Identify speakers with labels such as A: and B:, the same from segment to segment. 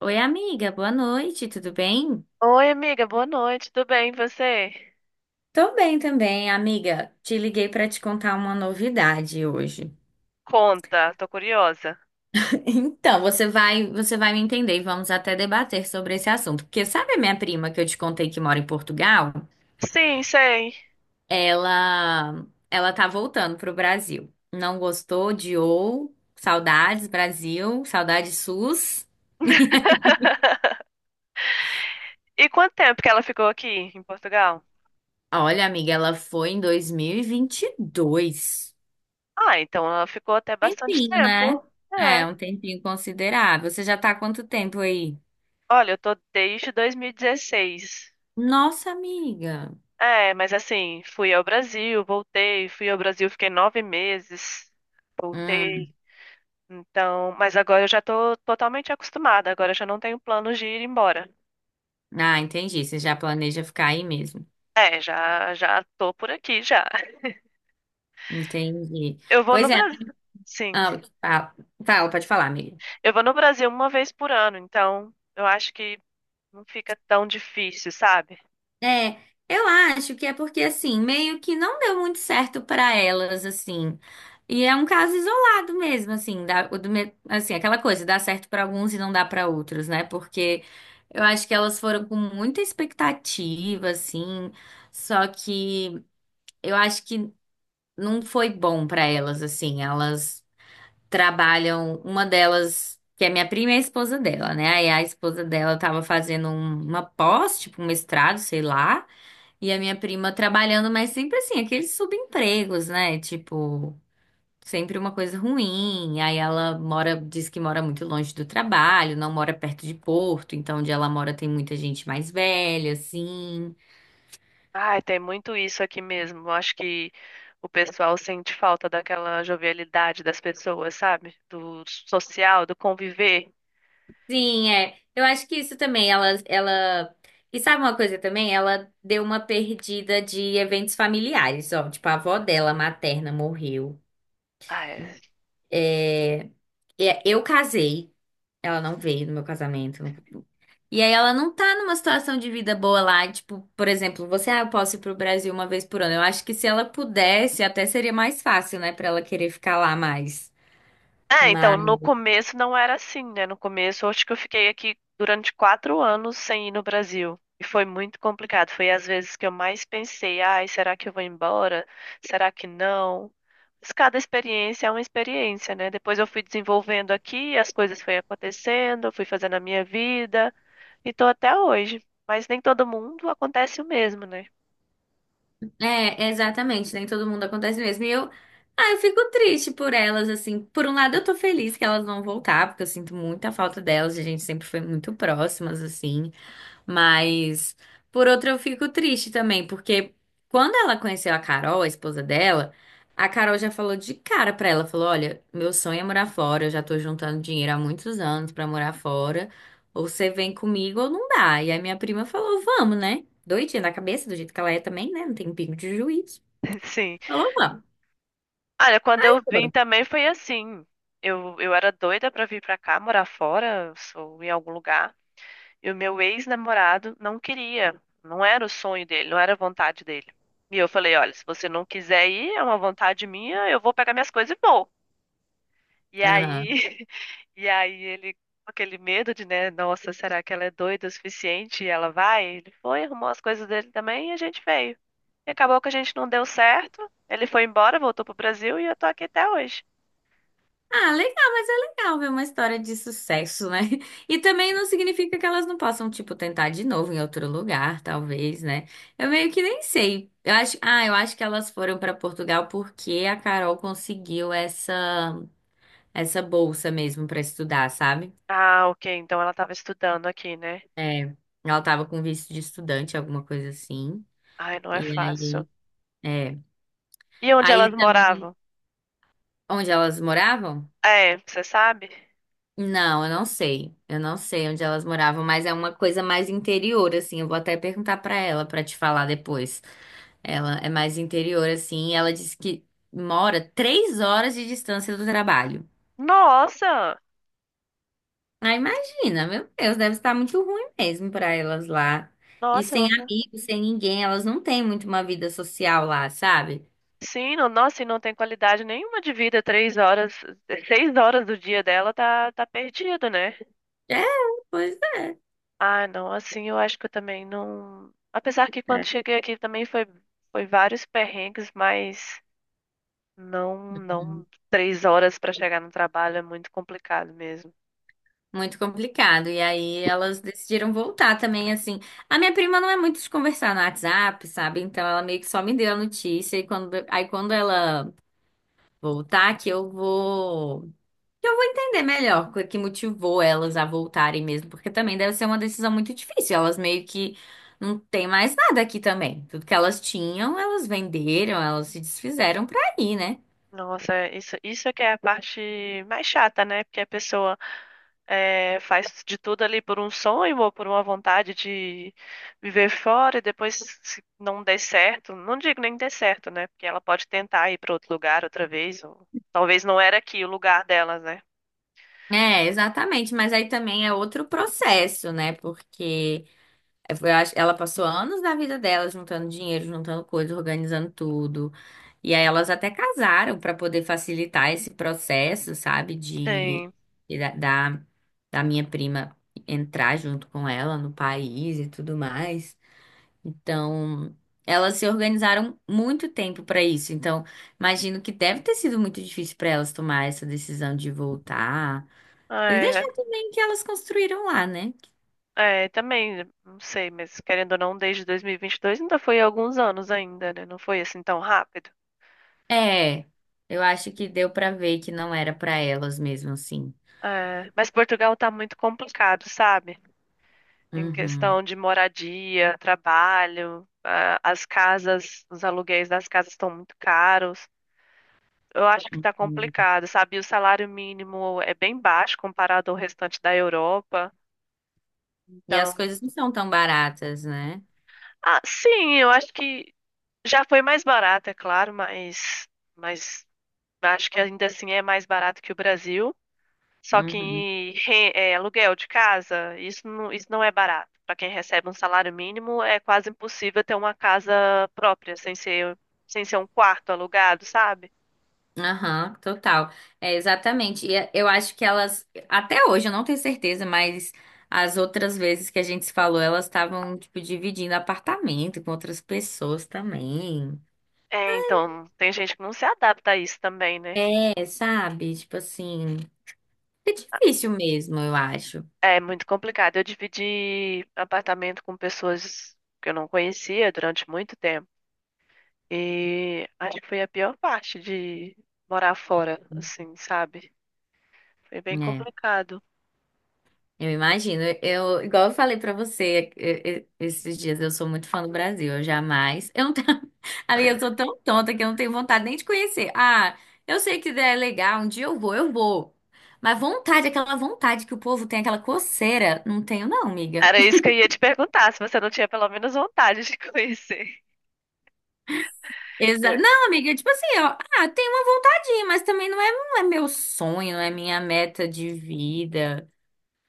A: Oi, amiga, boa noite, tudo bem?
B: Oi, amiga, boa noite, tudo bem? E você?
A: Tô bem também, amiga. Te liguei pra te contar uma novidade hoje.
B: Conta, tô curiosa.
A: Então, você vai me entender e vamos até debater sobre esse assunto, porque sabe a minha prima que eu te contei que mora em Portugal?
B: Sim, sei.
A: Ela tá voltando pro Brasil. Não gostou, odiou, saudades Brasil, saudades SUS.
B: E quanto tempo que ela ficou aqui em Portugal?
A: Olha, amiga, ela foi em dois mil e vinte e dois.
B: Ah, então ela ficou até bastante
A: Tempinho,
B: tempo.
A: né? É,
B: É.
A: um tempinho considerável. Você já tá há quanto tempo aí?
B: Olha, eu tô desde 2016.
A: Nossa, amiga.
B: É, mas assim, fui ao Brasil, voltei, fui ao Brasil, fiquei 9 meses, voltei.
A: Hum,
B: Então, mas agora eu já tô totalmente acostumada, agora eu já não tenho planos de ir embora.
A: ah, entendi. Você já planeja ficar aí mesmo.
B: É, já já tô por aqui já.
A: Entendi.
B: Eu vou
A: Pois
B: no
A: é.
B: Brasil. Sim.
A: Ah, ah, fala, pode falar, amiga.
B: Eu vou no Brasil uma vez por ano, então eu acho que não fica tão difícil, sabe?
A: É, eu acho que é porque assim, meio que não deu muito certo pra elas assim. E é um caso isolado mesmo, assim, da, o do, me- assim, aquela coisa, dá certo pra alguns e não dá pra outros, né? Porque eu acho que elas foram com muita expectativa, assim, só que eu acho que não foi bom pra elas, assim. Elas trabalham, uma delas, que é minha prima, é a esposa dela, né? Aí a esposa dela tava fazendo uma pós, tipo um mestrado, sei lá. E a minha prima trabalhando, mas sempre assim, aqueles subempregos, né? Tipo, sempre uma coisa ruim. Aí ela mora, diz que mora muito longe do trabalho, não mora perto de Porto, então onde ela mora tem muita gente mais velha, assim.
B: Ai, tem muito isso aqui mesmo. Eu acho que o pessoal sente falta daquela jovialidade das pessoas, sabe? Do social, do conviver.
A: Sim, é. Eu acho que isso também, ela... E sabe uma coisa também? Ela deu uma perdida de eventos familiares, ó. Tipo, a avó dela, materna, morreu.
B: Ai,
A: É... é, eu casei. Ela não veio no meu casamento. E aí ela não tá numa situação de vida boa lá, tipo, por exemplo, você, ah, eu posso ir pro Brasil uma vez por ano. Eu acho que se ela pudesse, até seria mais fácil, né, pra ela querer ficar lá mais.
B: é, então,
A: Mas,
B: no começo não era assim, né? No começo, eu acho que eu fiquei aqui durante 4 anos sem ir no Brasil. E foi muito complicado. Foi às vezes que eu mais pensei, ai, será que eu vou embora? Será que não? Mas cada experiência é uma experiência, né? Depois eu fui desenvolvendo aqui, as coisas foram acontecendo, eu fui fazendo a minha vida e tô até hoje. Mas nem todo mundo acontece o mesmo, né?
A: é, exatamente, nem todo mundo acontece mesmo. E eu, ah, eu fico triste por elas, assim. Por um lado, eu tô feliz que elas vão voltar, porque eu sinto muita falta delas, a gente sempre foi muito próximas, assim. Mas, por outro, eu fico triste também, porque quando ela conheceu a Carol, a esposa dela, a Carol já falou de cara pra ela, falou: "Olha, meu sonho é morar fora, eu já tô juntando dinheiro há muitos anos pra morar fora, ou você vem comigo ou não dá". E a minha prima falou: "Vamos, né?" Doidinha da cabeça, do jeito que ela é também, né? Não tem pingo de juízo.
B: Sim.
A: Falou: "Vamos".
B: Olha, quando eu
A: Aí
B: vim
A: foram.
B: também foi assim. Eu era doida pra vir pra cá, morar fora, ou em algum lugar. E o meu ex-namorado não queria. Não era o sonho dele, não era a vontade dele. E eu falei, olha, se você não quiser ir, é uma vontade minha, eu vou pegar minhas coisas e vou. E aí,
A: Aham.
B: e aí ele, com aquele medo de, né, nossa, será que ela é doida o suficiente e ela vai? Ele foi, arrumou as coisas dele também e a gente veio. E acabou que a gente não deu certo. Ele foi embora, voltou pro Brasil e eu tô aqui até hoje.
A: Ah, legal, mas é legal ver uma história de sucesso, né? E também não significa que elas não possam, tipo, tentar de novo em outro lugar, talvez, né? Eu meio que nem sei. Eu acho, ah, eu acho que elas foram pra Portugal porque a Carol conseguiu essa bolsa mesmo pra estudar, sabe?
B: Ah, ok. Então ela estava estudando aqui, né?
A: É, ela tava com visto de estudante, alguma coisa assim.
B: Ai, não é
A: E
B: fácil.
A: aí, é.
B: E onde
A: Aí
B: elas
A: também,
B: moravam?
A: onde elas moravam?
B: É, você sabe?
A: Não, eu não sei. Eu não sei onde elas moravam, mas é uma coisa mais interior, assim. Eu vou até perguntar pra ela pra te falar depois. Ela é mais interior, assim. Ela disse que mora 3 horas de distância do trabalho.
B: Nossa!
A: Ah, imagina, meu Deus, deve estar muito ruim mesmo pra elas lá. E
B: Nossa,
A: sem
B: não...
A: amigos, sem ninguém, elas não têm muito uma vida social lá, sabe?
B: sim, não... nossa, e não tem qualidade nenhuma de vida. 3 horas, 6 horas do dia dela tá, tá perdido, né?
A: É, pois é.
B: Ah, não, assim eu acho que eu também não. Apesar que quando cheguei aqui também foi vários perrengues, mas não, não, 3 horas para chegar no trabalho é muito complicado mesmo.
A: Muito complicado. E aí elas decidiram voltar também, assim. A minha prima não é muito de conversar no WhatsApp, sabe? Então ela meio que só me deu a notícia. E quando, aí quando ela voltar, que eu vou. Que eu vou entender melhor o que motivou elas a voltarem mesmo. Porque também deve ser uma decisão muito difícil. Elas meio que não têm mais nada aqui também. Tudo que elas tinham, elas venderam, elas se desfizeram pra ir, né?
B: Nossa, é, isso é que é a parte mais chata, né? Porque a pessoa faz de tudo ali por um sonho ou por uma vontade de viver fora e depois se não der certo, não digo nem der certo, né? Porque ela pode tentar ir para outro lugar outra vez, ou talvez não era aqui o lugar delas, né?
A: É, exatamente. Mas aí também é outro processo, né? Porque. Ela passou anos da vida dela juntando dinheiro, juntando coisa, organizando tudo. E aí elas até casaram para poder facilitar esse processo, sabe,
B: Sim.
A: de- da, da da minha prima entrar junto com ela no país e tudo mais. Então, elas se organizaram muito tempo para isso. Então, imagino que deve ter sido muito difícil para elas tomar essa decisão de voltar. E
B: É,
A: deixar também que elas construíram lá, né?
B: também, não sei, mas querendo ou não, desde 2022 ainda foi alguns anos ainda, né? Não foi assim tão rápido.
A: É, eu acho que deu pra ver que não era pra elas mesmo assim.
B: É, mas Portugal tá muito complicado, sabe? Em
A: Uhum,
B: questão de moradia, trabalho, ah, as casas, os aluguéis das casas estão muito caros. Eu acho que está
A: entendi.
B: complicado, sabe? O salário mínimo é bem baixo comparado ao restante da Europa.
A: E as
B: Então,
A: coisas não são tão baratas, né?
B: ah, sim, eu acho que já foi mais barato, é claro, mas acho que ainda assim é mais barato que o Brasil. Só
A: Uhum.
B: que é, aluguel de casa, isso não, isso não é barato. Para quem recebe um salário mínimo, é quase impossível ter uma casa própria, sem ser um quarto alugado, sabe?
A: Aham, total. É, exatamente. E eh, eu acho que elas, até hoje, eu não tenho certeza, mas as outras vezes que a gente se falou, elas estavam, tipo, dividindo apartamento com outras pessoas também.
B: É, então, tem gente que não se adapta a isso também, né?
A: É, sabe? Tipo assim, é difícil mesmo, eu acho.
B: É muito complicado. Eu dividi apartamento com pessoas que eu não conhecia durante muito tempo. E acho que foi a pior parte de morar fora, assim, sabe? Foi bem
A: É.
B: complicado.
A: Eu imagino. Eu, igual eu falei pra você esses dias, eu sou muito fã do Brasil. Eu jamais. Eu não tenho, amiga, eu sou tão tonta que eu não tenho vontade nem de conhecer. Ah, eu sei que é legal, um dia eu vou, eu vou. Mas vontade, aquela vontade que o povo tem, aquela coceira, não tenho, não, amiga.
B: Era isso que eu ia te perguntar, se você não tinha pelo menos vontade de conhecer.
A: Exa
B: Eu,
A: não, amiga, tipo assim, ó, ah, tem uma vontadinha, mas também não é, não é meu sonho, não é minha meta de vida,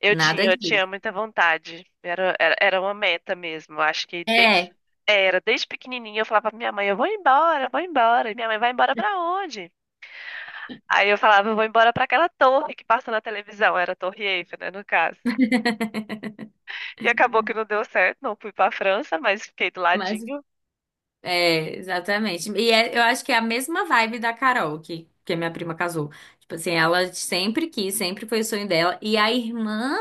B: eu
A: nada
B: tinha, eu
A: disso.
B: tinha muita vontade. Era uma meta mesmo. Eu acho que desde,
A: É,
B: é, era, desde pequenininha eu falava pra minha mãe, eu vou embora, eu vou embora. E minha mãe, vai embora pra onde? Aí eu falava, eu vou embora pra aquela torre que passa na televisão. Era a Torre Eiffel, né, no caso. E acabou que não deu certo, não fui pra França, mas fiquei do
A: mas
B: ladinho.
A: É, exatamente. E eu acho que é a mesma vibe da Carol, que a minha prima casou. Tipo assim, ela sempre quis, sempre foi o sonho dela. E a irmã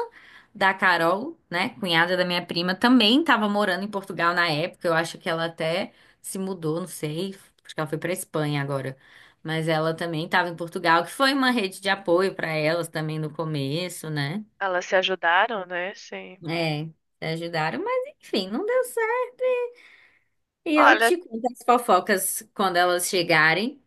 A: da Carol, né, cunhada da minha prima, também estava morando em Portugal na época. Eu acho que ela até se mudou, não sei. Acho que ela foi para Espanha agora. Mas ela também estava em Portugal, que foi uma rede de apoio para elas também no começo, né?
B: Elas se ajudaram, né? Sim.
A: É, ajudaram, mas enfim, não deu certo. E eu
B: Olha,
A: te conto as fofocas quando elas chegarem.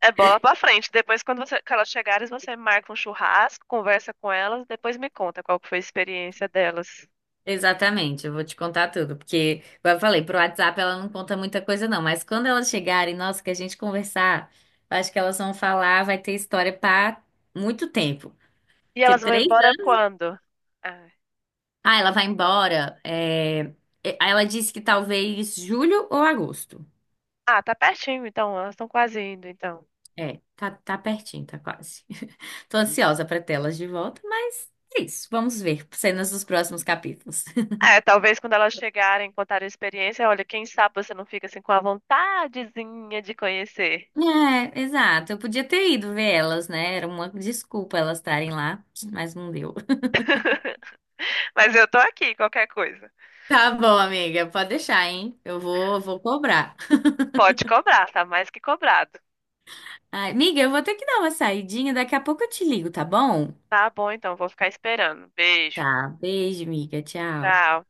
B: é bola pra frente. Depois, quando você- que elas chegarem, você marca um churrasco, conversa com elas, depois me conta qual que foi a experiência delas.
A: Exatamente, eu vou te contar tudo, porque, como eu falei, pro WhatsApp ela não conta muita coisa não, mas quando elas chegarem, nossa, que a gente conversar, eu acho que elas vão falar, vai ter história para muito tempo,
B: E
A: porque
B: elas vão
A: três
B: embora
A: anos,
B: quando? Ah,
A: ah, ela vai embora, é... é, aí ela disse que talvez julho ou agosto,
B: ah, tá pertinho, então. Elas estão quase indo, então.
A: é, tá, tá pertinho, tá quase, tô ansiosa para tê-las de volta, mas é isso, vamos ver cenas dos próximos capítulos.
B: É, talvez quando elas chegarem, contarem a experiência, olha, quem sabe você não fica assim com a vontadezinha de conhecer.
A: É, exato. Eu podia ter ido ver elas, né? Era uma desculpa elas estarem lá, mas não deu.
B: Mas eu tô aqui, qualquer coisa.
A: Tá bom, amiga, pode deixar, hein? Eu vou, vou cobrar.
B: Pode cobrar, tá mais que cobrado.
A: Ai, amiga, eu vou ter que dar uma saidinha, daqui a pouco eu te ligo, tá bom?
B: Tá bom, então, vou ficar esperando. Beijo.
A: Tá. Beijo, amiga. Tchau.
B: Tchau.